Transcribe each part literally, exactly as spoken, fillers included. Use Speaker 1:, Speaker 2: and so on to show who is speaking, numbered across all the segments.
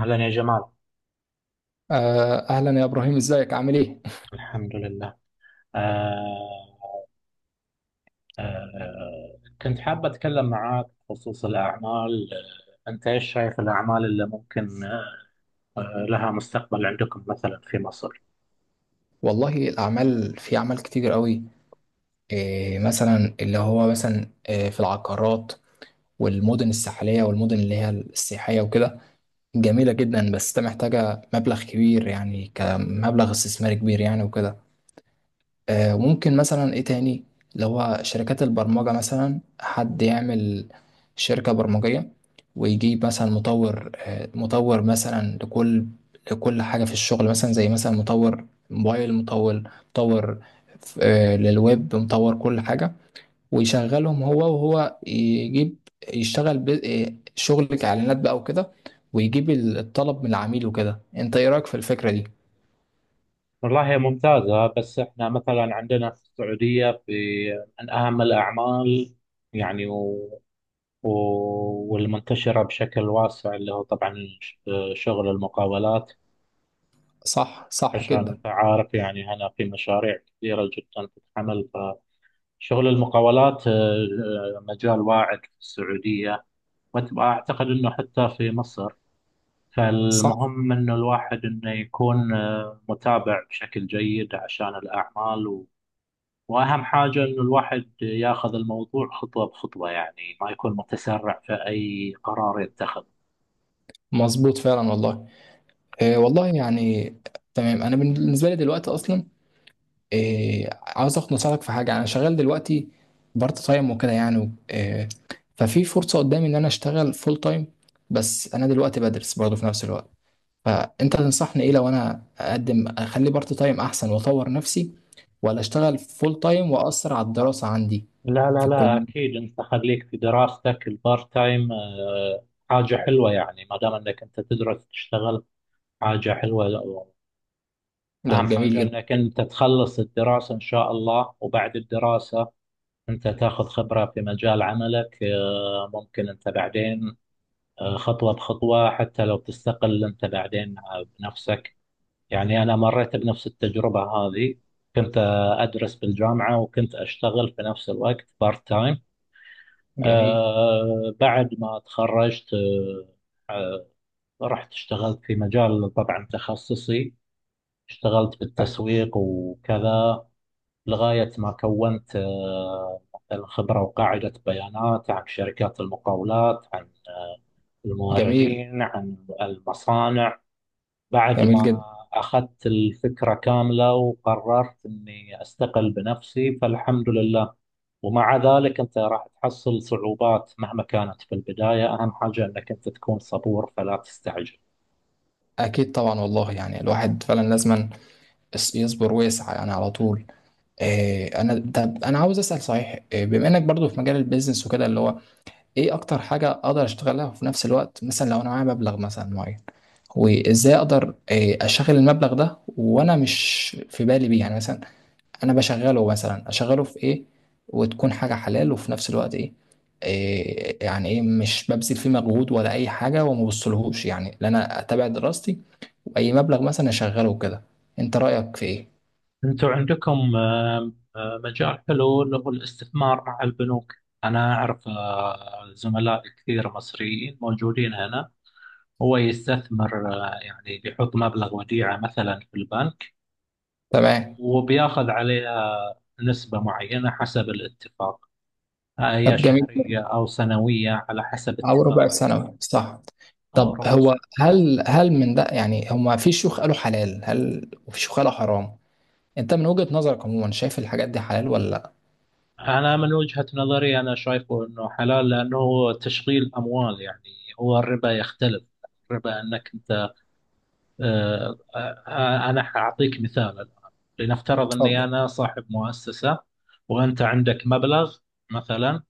Speaker 1: أهلا يا جمال.
Speaker 2: آه، أهلا يا إبراهيم، إزيك عامل إيه؟
Speaker 1: الحمد لله. آه آه كنت حابة أتكلم معاك بخصوص الأعمال، آه، أنت إيش شايف الأعمال اللي ممكن آه لها مستقبل عندكم مثلا في مصر؟
Speaker 2: والله الأعمال، في أعمال كتير قوي، إيه مثلا اللي هو مثلا إيه في العقارات والمدن الساحلية والمدن اللي هي السياحية وكده، جميلة جدا بس ده محتاجة مبلغ كبير يعني، كمبلغ استثماري كبير يعني وكده. آه، وممكن مثلا ايه تاني، اللي هو شركات البرمجة، مثلا حد يعمل شركة برمجية، ويجيب مثلا مطور، آه، مطور مثلا لكل لكل حاجة في الشغل، مثلا زي مثلا مطور موبايل، مطور مطور آه، للويب، مطور كل حاجة، ويشغلهم هو وهو يجيب، يشتغل ب- آه، شغل كإعلانات بقى وكده، ويجيب ال- الطلب من العميل وكده. انت ايه رأيك في الفكرة دي؟
Speaker 1: والله هي ممتازة، بس إحنا مثلا عندنا في السعودية، في من أهم الأعمال، يعني و و- والمنتشرة بشكل واسع اللي هو طبعا ش- شغل المقاولات.
Speaker 2: صح، صح
Speaker 1: عشان
Speaker 2: كده،
Speaker 1: أنت عارف يعني هنا في مشاريع كثيرة جدا تتعمل. شغل المقاولات، آه، آه، مجال واعد في السعودية، وأعتقد أنه حتى في مصر.
Speaker 2: صح.
Speaker 1: فالمهم أنه الواحد أنه يكون آه، متابع بشكل جيد عشان الأعمال و... وأهم حاجة أنه الواحد ياخذ الموضوع خطوة بخطوة، يعني ما يكون متسرع في أي قرار يتخذه.
Speaker 2: مظبوط فعلا والله. إيه والله يعني، تمام. انا بالنسبه لي دلوقتي اصلا إيه، عاوز اخد نصيحتك في حاجه. انا شغال دلوقتي بارت تايم وكده، يعني إيه، ففي فرصه قدامي ان انا اشتغل فول تايم، بس انا دلوقتي بدرس برضه في نفس الوقت، فانت تنصحني ايه؟ لو انا اقدم اخلي بارت تايم، احسن واطور نفسي، ولا اشتغل فول تايم واثر على الدراسه عندي
Speaker 1: لا لا
Speaker 2: في
Speaker 1: لا،
Speaker 2: الكليه؟
Speaker 1: أكيد أنت خليك في دراستك. البارت تايم آه، حاجة حلوة، يعني ما دام أنك أنت تدرس تشتغل حاجة حلوة.
Speaker 2: ده
Speaker 1: أهم
Speaker 2: جميل
Speaker 1: حاجة
Speaker 2: جدا.
Speaker 1: أنك أنت تخلص الدراسة إن شاء الله، وبعد الدراسة أنت تاخذ خبرة في مجال عملك. آه، ممكن أنت بعدين، آه، خطوة بخطوة، حتى لو تستقل أنت بعدين آه، بنفسك. يعني أنا مريت بنفس التجربة هذه، كنت آه، أدرس بالجامعة وكنت أشتغل في نفس الوقت بارت تايم.
Speaker 2: جميل.
Speaker 1: آه، بعد ما تخرجت، آه، رحت اشتغلت في مجال طبعا تخصصي، اشتغلت بالتسويق وكذا، لغاية ما كونت آه، مثلا خبرة وقاعدة بيانات عن شركات المقاولات، عن
Speaker 2: جميل.
Speaker 1: الموردين، عن المصانع. بعد
Speaker 2: جميل
Speaker 1: ما
Speaker 2: جدا.
Speaker 1: أخذت الفكرة كاملة وقررت أني أستقل بنفسي، فالحمد لله. ومع ذلك أنت راح تحصل صعوبات مهما كانت في البداية، أهم حاجة أنك أنت تكون صبور فلا تستعجل.
Speaker 2: اكيد طبعا والله، يعني الواحد فعلا لازم اس- يصبر ويسعى يعني على طول. آه، انا، طب انا عاوز اسال صحيح، آه، بما انك برضو في مجال البيزنس وكده، اللي هو ايه اكتر حاجه اقدر اشتغلها، وفي نفس الوقت مثلا لو انا معايا مبلغ مثلا معين، وازاي اقدر آه، اشغل المبلغ ده وانا مش في بالي بيه، يعني مثلا انا بشغله، مثلا اشغله في ايه وتكون حاجه حلال، وفي نفس الوقت ايه، آه، يعني ايه مش ببذل فيه مجهود ولا اي حاجه وما بوصلهوش، يعني لا انا اتابع دراستي واي مبلغ مثلا اشغله كده. انت رايك في ايه؟
Speaker 1: انتوا عندكم آه، آه، مجال حلو اللي هو الاستثمار مع البنوك. انا اعرف آه، زملاء كثير مصريين موجودين هنا. هو يستثمر، آه، يعني بيحط مبلغ وديعة مثلا في البنك،
Speaker 2: تمام.
Speaker 1: وبياخذ عليها نسبة معينة حسب الاتفاق، هي
Speaker 2: طب جميل،
Speaker 1: شهرية أو سنوية على حسب
Speaker 2: او ربع
Speaker 1: اتفاقك،
Speaker 2: ثانوي صح.
Speaker 1: أو
Speaker 2: طب
Speaker 1: ربع سنة.
Speaker 2: هو هل هل من ده، يعني هما في شيوخ قالوا حلال، هل وفي شيوخ قالوا حرام. انت من وجهة نظرك عموما شايف الحاجات دي حلال ولا لا؟
Speaker 1: أنا من وجهة نظري أنا شايفه أنه حلال، لأنه هو تشغيل أموال يعني. هو الربا يختلف. الربا أنك، آه، آه، أنا حأعطيك مثال الآن. لنفترض أني
Speaker 2: اتفضل.
Speaker 1: أنا صاحب مؤسسة وأنت عندك مبلغ مثلا،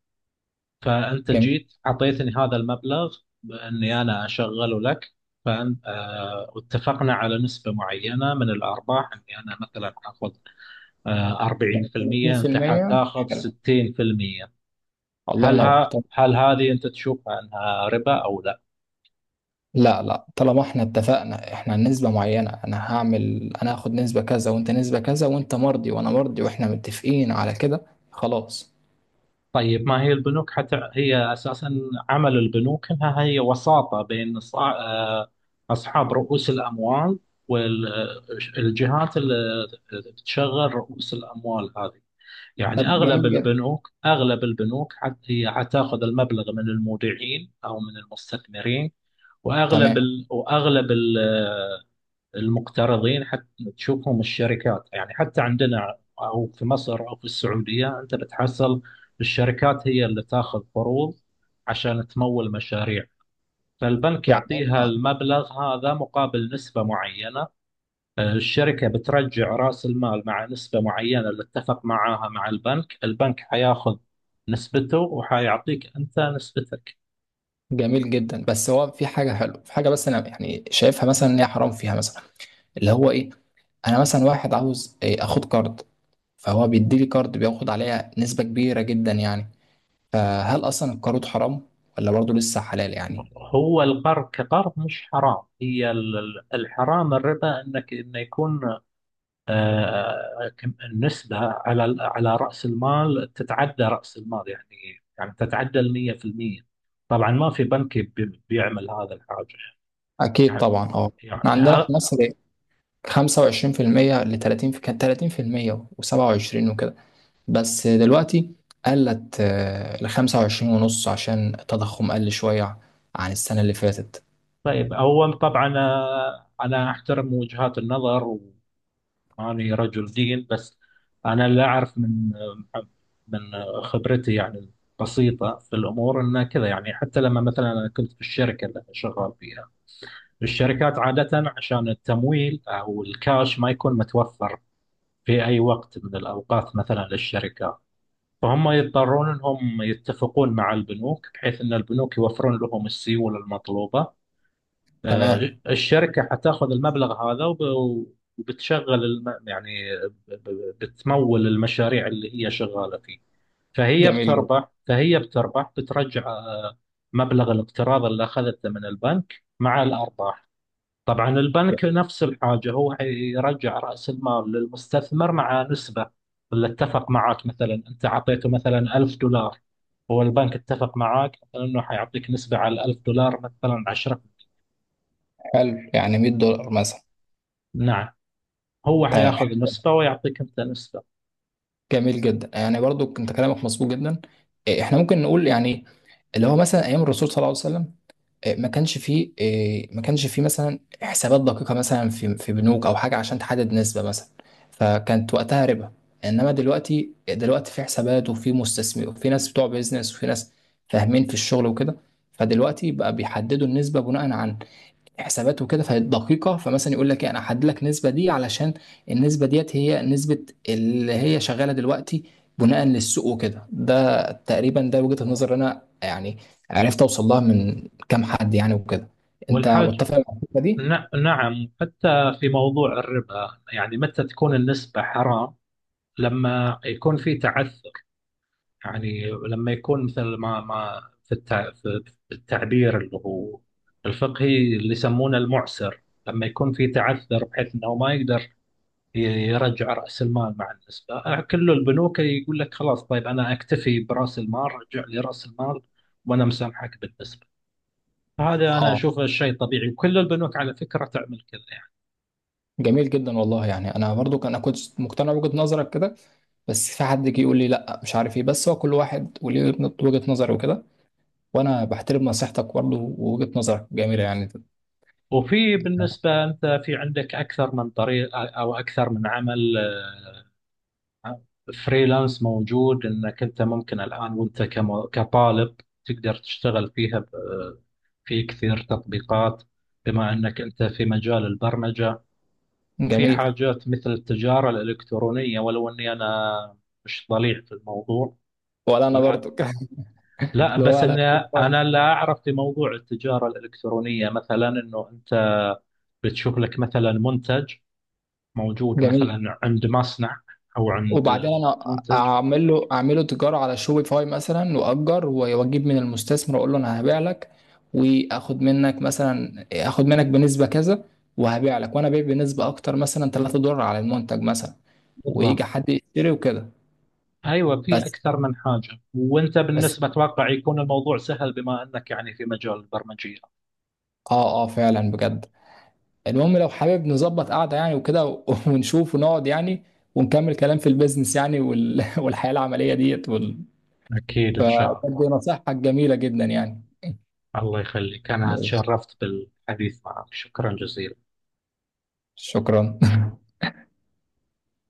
Speaker 1: فأنت
Speaker 2: جميل.
Speaker 1: جيت أعطيتني هذا المبلغ بأني أنا أشغله لك. فأنت آه، واتفقنا على نسبة معينة من الأرباح، أني أنا مثلا آخذ آه، أربعين في المية، أنت
Speaker 2: تلاتين في المية
Speaker 1: حتاخذ
Speaker 2: حلو.
Speaker 1: ستين في المية.
Speaker 2: الله
Speaker 1: هل
Speaker 2: ينور.
Speaker 1: ها
Speaker 2: طب
Speaker 1: هل هذه أنت تشوفها أنها ربا أو لا؟
Speaker 2: لا، لا، طالما احنا اتفقنا، احنا نسبة معينة، انا هعمل، انا هاخد نسبة كذا وانت نسبة كذا، وانت مرضي وانا مرضي، واحنا متفقين على كده، خلاص.
Speaker 1: طيب ما هي البنوك حتى هي أساسا، عمل البنوك أنها هي وساطة بين صا- آه، أصحاب رؤوس الأموال والجهات اللي تشغل رؤوس الأموال هذه. يعني
Speaker 2: طب
Speaker 1: أغلب
Speaker 2: جميل جدا.
Speaker 1: البنوك أغلب البنوك حت- هي حتاخذ المبلغ من المودعين أو من المستثمرين، وأغلب
Speaker 2: تمام.
Speaker 1: ال... وأغلب ال... المقترضين. حتى تشوفهم الشركات، يعني حتى عندنا او في مصر او في السعوديه، انت بتحصل الشركات هي اللي تاخذ قروض عشان تمول مشاريع. فالبنك
Speaker 2: يعني
Speaker 1: يعطيها المبلغ هذا مقابل نسبه معينه. الشركه بترجع راس المال مع نسبه معينه اللي اتفق معاها مع البنك. البنك حياخذ نسبته وحيعطيك انت نسبتك.
Speaker 2: جميل جدا، بس هو في حاجه حلوه، في حاجه بس انا يعني شايفها مثلا ان هي حرام، فيها مثلا اللي هو ايه، انا مثلا واحد عاوز إيه، اخد كارد، فهو بيدي لي كارد بياخد عليها نسبه كبيره جدا يعني. فهل اصلا الكارد حرام، ولا برضه لسه حلال يعني؟
Speaker 1: هو القرض كقرض مش حرام، هي ال- الحرام الربا، انك انه يكون آه، كم- النسبة على على رأس المال تتعدى رأس المال، يعني يعني تتعدى ال مائة في المائة. طبعا ما في بنك بي- بيعمل هذا الحاجة.
Speaker 2: اكيد
Speaker 1: يعني
Speaker 2: طبعا. اه.
Speaker 1: يعني
Speaker 2: احنا عندنا في
Speaker 1: آه،
Speaker 2: مصر إيه، خمسة وعشرين في المية ل تلاتين، في كانت تلاتين في المية و27 وكده، بس دلوقتي قلت، آه، ل خمسة وعشرين ونص، عشان التضخم قل شويه عن السنه اللي فاتت.
Speaker 1: طيب أول طبعا، آه، أنا أحترم وجهات النظر، وأني رجل دين بس، أنا اللي أعرف من، آه، من آه، خبرتي يعني البسيطة في الأمور أنه كذا. يعني حتى لما مثلا أنا كنت في الشركة اللي أنا شغال فيها، الشركات عادة عشان التمويل أو الكاش ما يكون متوفر في أي وقت من الأوقات مثلا للشركات، فهم يضطرون أنهم يتفقون مع البنوك بحيث أن البنوك يوفرون لهم السيولة المطلوبة. آه،
Speaker 2: تمام.
Speaker 1: الشركة حتاخذ المبلغ هذا وب- وبتشغل الم... يعني ب- ب- بتمول المشاريع اللي هي شغالة فيه. فهي
Speaker 2: جميل.
Speaker 1: بتربح فهي بتربح، بترجع آه، مبلغ الاقتراض اللي أخذته من البنك مع الأرباح. طبعا البنك نفس الحاجة، هو يرجع رأس المال للمستثمر مع نسبة اللي اتفق معاك. مثلا أنت أعطيته مثلا ألف دولار، هو البنك اتفق معاك مثلا أنه حيعطيك نسبة على الألف دولار مثلا عشرة.
Speaker 2: حلو، يعني مية دولار مثلا.
Speaker 1: نعم، هو
Speaker 2: تمام.
Speaker 1: حياخذ
Speaker 2: حلو.
Speaker 1: نسبة ويعطيك أنت نسبة.
Speaker 2: جميل جدا، يعني برضو انت كلامك مظبوط جدا. إيه، احنا ممكن نقول يعني اللي هو مثلا ايام الرسول صلى الله عليه وسلم، إيه، ما كانش فيه، إيه، ما كانش فيه مثلا حسابات دقيقه مثلا في في بنوك او حاجه عشان تحدد نسبه مثلا، فكانت وقتها ربا. انما دلوقتي دلوقتي في حسابات وفي مستثمر، وفي ناس بتوع بيزنس وفي ناس فاهمين في الشغل وكده، فدلوقتي بقى بيحددوا النسبه بناء على حسابات وكده، فدقيقة. فمثلا يقول لك ايه، انا هحدد لك النسبة دي علشان النسبة ديت هي نسبة اللي هي شغالة دلوقتي بناء للسوق وكده. ده تقريبا ده وجهة النظر اللي انا يعني عرفت اوصل لها من كام حد يعني وكده. انت
Speaker 1: والحاج،
Speaker 2: متفق مع الفكرة دي؟
Speaker 1: ن- نعم، حتى في موضوع الربا يعني متى تكون النسبة حرام؟ لما يكون في تعثر، يعني لما يكون مثل ما ما في التع... في في التعبير اللي هو الفقهي اللي يسمونه المعسر، لما يكون في تعثر بحيث انه ما يقدر ي- يرجع راس المال مع النسبه، كل البنوك يقول لك خلاص طيب انا اكتفي براس المال، رجع لي راس المال وانا مسامحك بالنسبه. هذا انا
Speaker 2: اه.
Speaker 1: اشوفه شيء طبيعي، وكل البنوك على فكره تعمل كذا يعني.
Speaker 2: جميل جدا والله، يعني انا برضو كان- انا كنت مقتنع بوجهة نظرك كده، بس في حد جه يقول لي لا، مش عارف ايه، بس هو كل واحد وليه وجهة نظر وكده، وانا بحترم نصيحتك برضو، ووجهة نظرك جميلة يعني.
Speaker 1: وفي بالنسبه انت في عندك اكثر من طريق او اكثر من عمل. آه، فريلانس موجود انك انت ممكن الان وانت كم- كطالب تقدر تشتغل فيها ب- في كثير تطبيقات بما انك انت في مجال البرمجة. في
Speaker 2: جميل.
Speaker 1: حاجات مثل التجارة الالكترونية، ولو اني انا مش ضليع في الموضوع،
Speaker 2: ولا انا
Speaker 1: ولا
Speaker 2: برضو
Speaker 1: لا
Speaker 2: اللي هو
Speaker 1: بس
Speaker 2: على
Speaker 1: اني
Speaker 2: شوبيفاي.
Speaker 1: انا لا اعرف في موضوع التجارة الالكترونية، مثلا انه انت بتشوف لك مثلا منتج موجود
Speaker 2: جميل.
Speaker 1: مثلا عند مصنع او عند
Speaker 2: وبعدين انا
Speaker 1: منتج.
Speaker 2: اعمل له اعمله تجاره على شوبيفاي مثلا، واجر واجيب من المستثمر، اقول له انا هبيع لك، واخد منك مثلا اخد منك بنسبه كذا، وهبيع لك وانا بيع بنسبه اكتر، مثلا ثلاثة دولار على المنتج مثلا،
Speaker 1: بالضبط،
Speaker 2: ويجي حد يشتري وكده.
Speaker 1: ايوه في
Speaker 2: بس
Speaker 1: اكثر من حاجه، وانت
Speaker 2: بس
Speaker 1: بالنسبه اتوقع يكون الموضوع سهل بما انك يعني في مجال البرمجيه.
Speaker 2: اه، اه فعلا بجد. المهم لو حابب نظبط قعده يعني وكده و- ونشوف ونقعد يعني، ونكمل كلام في البيزنس يعني وال... والحياه العمليه ديت،
Speaker 1: اكيد ان شاء
Speaker 2: فبدي
Speaker 1: الله.
Speaker 2: نصيحتك جميلة جدا يعني.
Speaker 1: الله يخليك، انا
Speaker 2: ماشي.
Speaker 1: تشرفت بالحديث معك، شكرا جزيلا.
Speaker 2: شكرا